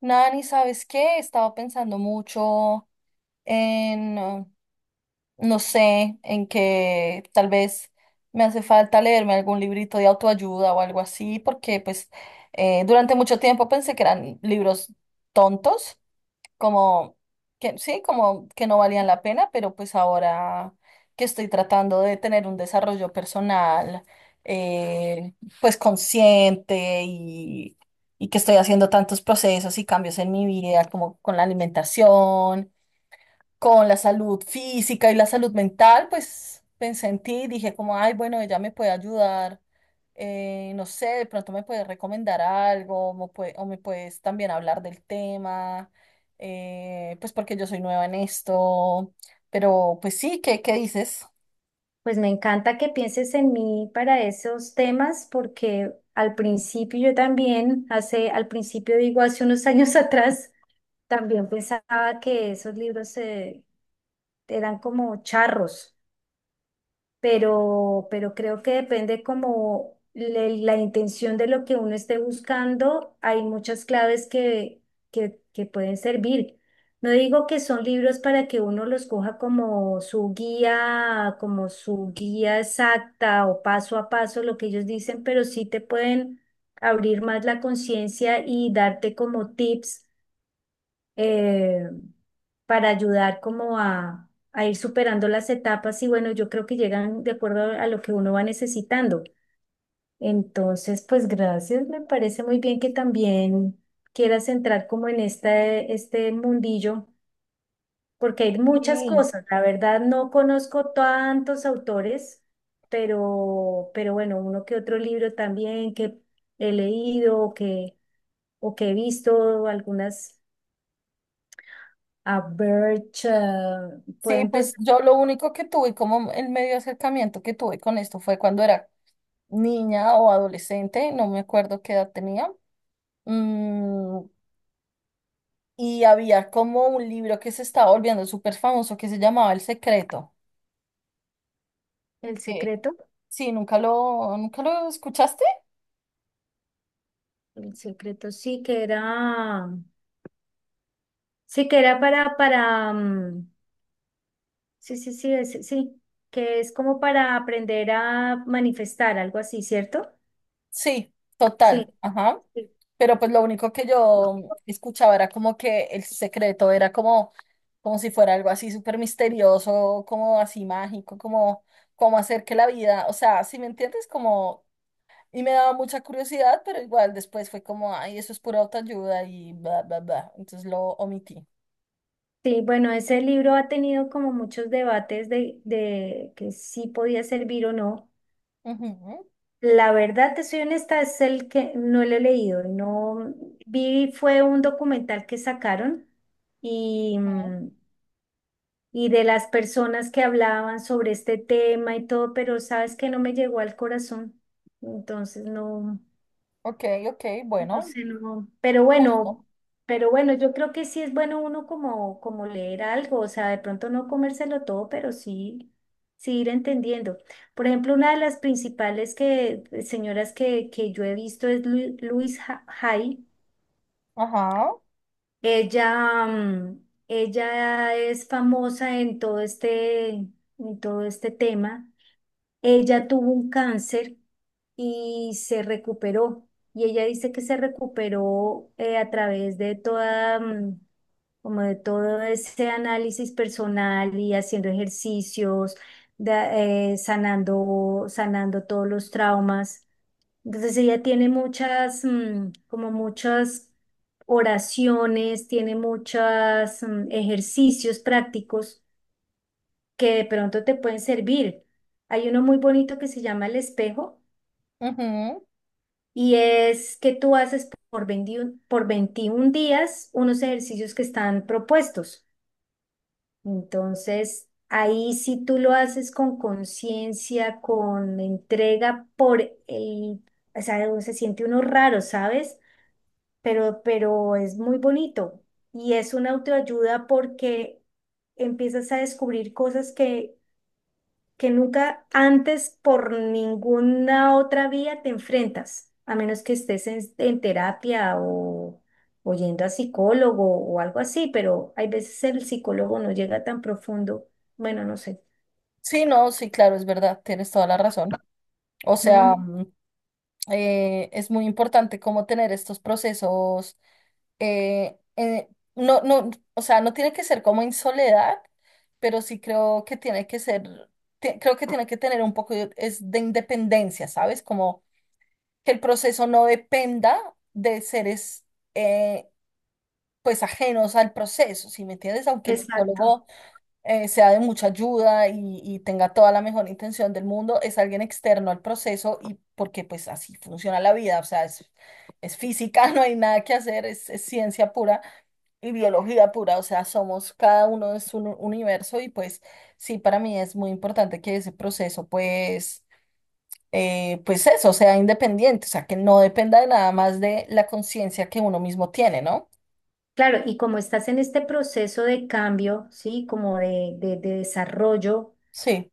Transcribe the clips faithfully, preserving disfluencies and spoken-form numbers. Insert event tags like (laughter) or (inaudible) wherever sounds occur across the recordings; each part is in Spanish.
Nani, ¿sabes qué? Estaba pensando mucho en, eh, no sé, en que tal vez me hace falta leerme algún librito de autoayuda o algo así, porque pues eh, durante mucho tiempo pensé que eran libros tontos como que sí, como que no valían la pena, pero pues ahora que estoy tratando de tener un desarrollo personal, eh, pues consciente y, y que estoy haciendo tantos procesos y cambios en mi vida, como con la alimentación con la salud física y la salud mental, pues pensé en ti, dije como, ay, bueno, ella me puede ayudar, eh, no sé, de pronto me puedes recomendar algo, mo- pue- o me puedes también hablar del tema, eh, pues porque yo soy nueva en esto, pero pues sí, ¿qué, qué dices? Pues me encanta que pienses en mí para esos temas porque al principio yo también, hace, al principio digo, hace unos años (laughs) atrás, también pensaba que esos libros eh, eran como charros. pero, pero creo que depende como le- la intención de lo que uno esté buscando. Hay muchas claves que, que, que pueden servir. No digo que son libros para que uno los coja como su guía, como su guía exacta o paso a paso, lo que ellos dicen, pero sí te pueden abrir más la conciencia y darte como tips eh, para ayudar como a, a ir superando las etapas. Y bueno, yo creo que llegan de acuerdo a lo que uno va necesitando. Entonces, pues gracias, me parece muy bien que también quieras entrar como en este, este mundillo, porque hay muchas Sí. cosas, la verdad no conozco tantos autores, pero, pero bueno, uno que otro libro también que he leído o que, o que he visto algunas. A Birch, eh, puede Sí, pues empezar yo lo único que tuve como el medio acercamiento que tuve con esto fue cuando era niña o adolescente, no me acuerdo qué edad tenía. mm, y había como un libro que se estaba volviendo súper famoso que se llamaba El Secreto. el Eh, secreto. sí, nunca lo, ¿nunca lo escuchaste? El secreto sí que era, sí que era para, para, mm, sí, sí, sí, es- sí, que es como para aprender a manifestar, algo así, ¿cierto? Sí, total, Sí. ajá. Sí, Pero pues lo único que yo escuchaba era como que El Secreto era como, como si fuera algo así súper misterioso, como así mágico, como, como hacer que la vida, o sea, si me entiendes, como... Y me daba mucha curiosidad, pero igual después fue como, ay, eso es pura autoayuda y bla, bla, bla. Entonces lo omití. sí, bueno, ese libro ha tenido como muchos debates de, de que sí podía servir o no. Ujú, La verdad, te soy honesta, es el que no lo he leído. No vi, fue un documental que sacaron y, ujú. mm, y de las personas que hablaban sobre este tema y todo, pero sabes que no me llegó al corazón. Entonces no. Ok, ok, No bueno, sé, no. Pero bueno, justo. pero bueno, yo creo que sí es bueno uno como, como leer algo, o sea, de pronto no comérselo todo, pero sí, sí ir entendiendo. Por ejemplo, una de las principales que, señoras que, que yo he visto es Luis Hay. Ajá. Ella, mm, ella es famosa en todo este, en todo este tema. Ella tuvo un cáncer y se recuperó. Y ella dice que se recuperó, eh, a través de toda, mm, como de todo ese análisis personal y haciendo ejercicios, da- eh, sanando, sanando todos los traumas. Entonces ella tiene muchas, mm, como muchas oraciones, tiene muchos ejercicios prácticos que de pronto te pueden servir. Hay uno muy bonito que se llama El Espejo, Ujú. y es que tú haces por veintiuno, por veintiún días unos ejercicios que están propuestos. Entonces, ahí si tú lo haces con conciencia, con entrega, por el, o sea, se siente uno raro, ¿sabes? Pero, pero es muy bonito y es una autoayuda porque empiezas a descubrir cosas que que nunca antes por ninguna otra vía te enfrentas, a menos que estés en, en terapia o, o yendo a psicólogo o algo así, pero hay veces el psicólogo no llega tan profundo, bueno, no sé. Sí, no, sí, claro, es verdad, tienes toda la razón. O sea, Ujú. mm, eh, es muy importante cómo tener estos procesos. eh, eh, no, no, o sea, no tiene que ser como en soledad, pero sí creo que tiene que ser, te- creo que tiene que tener un poco de, es de independencia, ¿sabes? Como que el proceso no dependa de seres, eh, pues, ajenos al proceso, ¿sí me entiendes? Aunque el Exacto. psicólogo eh, sea de mucha ayuda y, y tenga toda la mejor intención del mundo, es alguien externo al proceso y porque pues así funciona la vida, o sea, es, es física, (laughs) no hay nada que hacer, es, es ciencia pura y biología pura, o sea, somos cada uno es un universo y pues sí, para mí es muy importante que ese proceso pues... eh, pues eso, sea independiente, o sea, que no dependa de nada más de la conciencia que uno mismo tiene, ¿no? Claro, y como estás en este proceso de cambio, ¿sí? Como de, de- de desarrollo, Sí,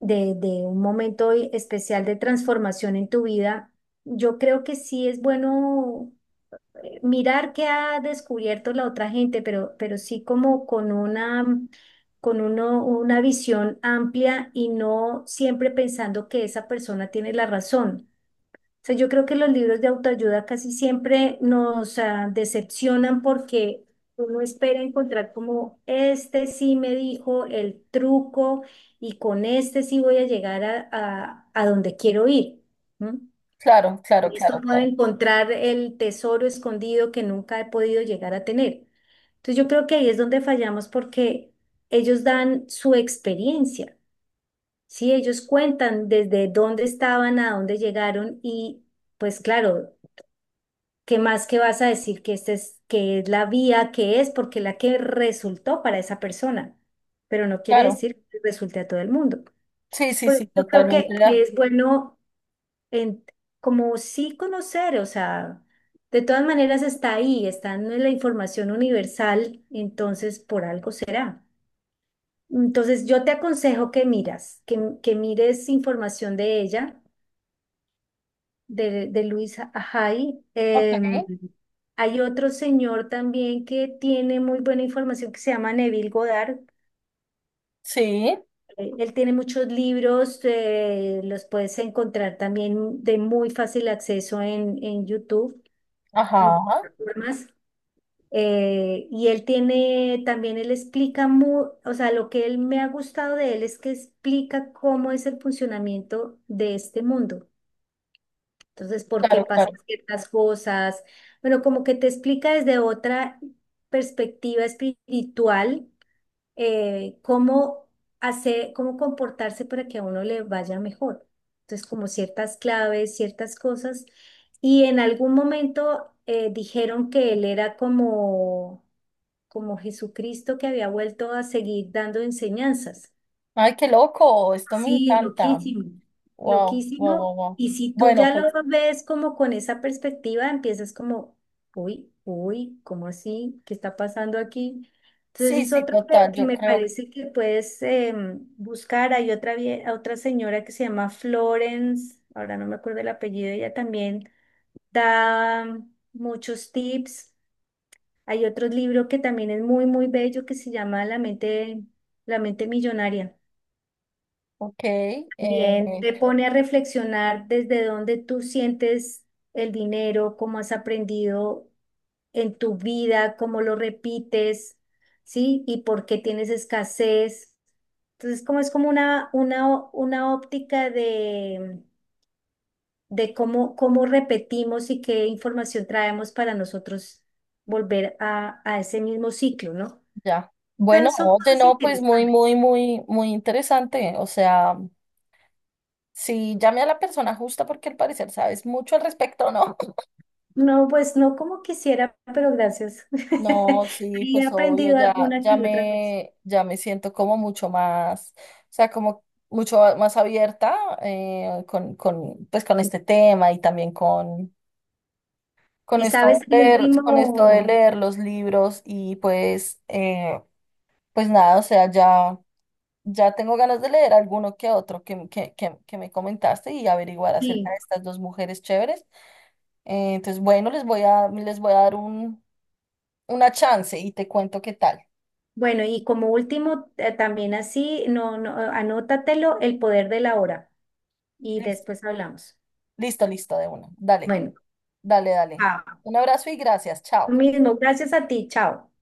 de, de un momento especial de transformación en tu vida, yo creo que sí es bueno, eh, mirar qué ha descubierto la otra gente, pero, pero sí como con una, con uno, una visión amplia y no siempre pensando que esa persona tiene la razón. O sea, yo creo que los libros de autoayuda casi siempre nos ah, decepcionan porque uno espera encontrar como este sí me dijo el truco y con este sí voy a llegar a, a, a donde quiero ir. ¿No? claro, claro, Y esto claro, puedo claro, encontrar el tesoro escondido que nunca he podido llegar a tener. Entonces yo creo que ahí es donde fallamos porque ellos dan su experiencia, ¿sí? Ellos cuentan desde dónde estaban a dónde llegaron y pues claro, ¿qué más que vas a decir que esta es, que es la vía que es? Porque la que resultó para esa persona, pero no quiere claro. decir que resulte a todo el mundo. Sí, Entonces sí, por eso sí, yo creo que totalmente. De que acuerdo. es bueno en- como sí conocer, o sea, de todas maneras está ahí, está en la información universal, entonces por algo será. Entonces yo te aconsejo que miras, que, que mires información de ella, de, de Luisa Ajay. Ok. Em, hay otro señor también que tiene muy buena información que se llama Neville Goddard. Sí, Eh, Él tiene muchos libros, eh, los puedes encontrar también de muy fácil acceso en, en YouTube, en ajá, plataformas. Eh, y él tiene, también él explica, mu- o sea, lo que él me ha gustado de él es que explica cómo es el funcionamiento de este mundo. Entonces, por qué claro, pasan claro. ciertas cosas. Bueno, como que te explica desde otra perspectiva espiritual, eh, cómo hacer, cómo comportarse para que a uno le vaya mejor. Entonces, como ciertas claves, ciertas cosas. Y en algún momento, eh, dijeron que él era como, como Jesucristo que había vuelto a seguir dando enseñanzas. Ay, qué loco, esto me Sí, encanta. loquísimo, Wow, wow, wow, loquísimo. wow. Y si tú Bueno, ya lo pues ves como con esa perspectiva, empiezas como, uy, uy, ¿cómo así? ¿Qué está pasando aquí? Entonces sí, es sí, otro que, total, que yo me creo que, parece que puedes em, buscar. Hay otra, vie- otra señora que se llama Florence, ahora no me acuerdo el apellido, ella también da muchos tips. Hay otro libro que también es muy, muy bello que se llama La mente, La mente millonaria. ok, Bien, eh, te pone a reflexionar desde dónde tú sientes el dinero, cómo has aprendido en tu vida, cómo lo repites, ¿sí? Y por qué tienes escasez. Entonces, como es como una, una, ó- una óptica de, de cómo, cómo repetimos y qué información traemos para nosotros volver a, a ese mismo ciclo, ¿no? ya. Bueno, Entonces, son oye, cosas no, pues muy, interesantes. muy, muy, muy interesante. O sea, si llame a la persona justa porque al parecer sabes mucho al respecto, ¿no? No, pues no como quisiera, pero gracias. No, (laughs) sí, Ahí he pues obvio, aprendido ya, una ya que otra cosa. me, ya me siento como mucho más, o sea, como mucho más abierta eh, con, con, pues con este tema y también con, con Y sabes esto que de el leer, con esto de último, leer los libros y pues, eh, pues nada, o sea, ya, ya tengo ganas de leer alguno que otro que, que, que, que me comentaste y averiguar acerca de sí, estas dos mujeres chéveres. Eh, entonces, bueno, les voy a, les voy a dar un, una chance y te cuento qué tal. bueno, y como último, eh, también así, no, no, anótatelo, el poder de la hora. Y después hablamos. Listo, listo, de una. Dale, Bueno, dale, dale. chao. Un abrazo y gracias. Lo Chao. mismo, gracias a ti, chao.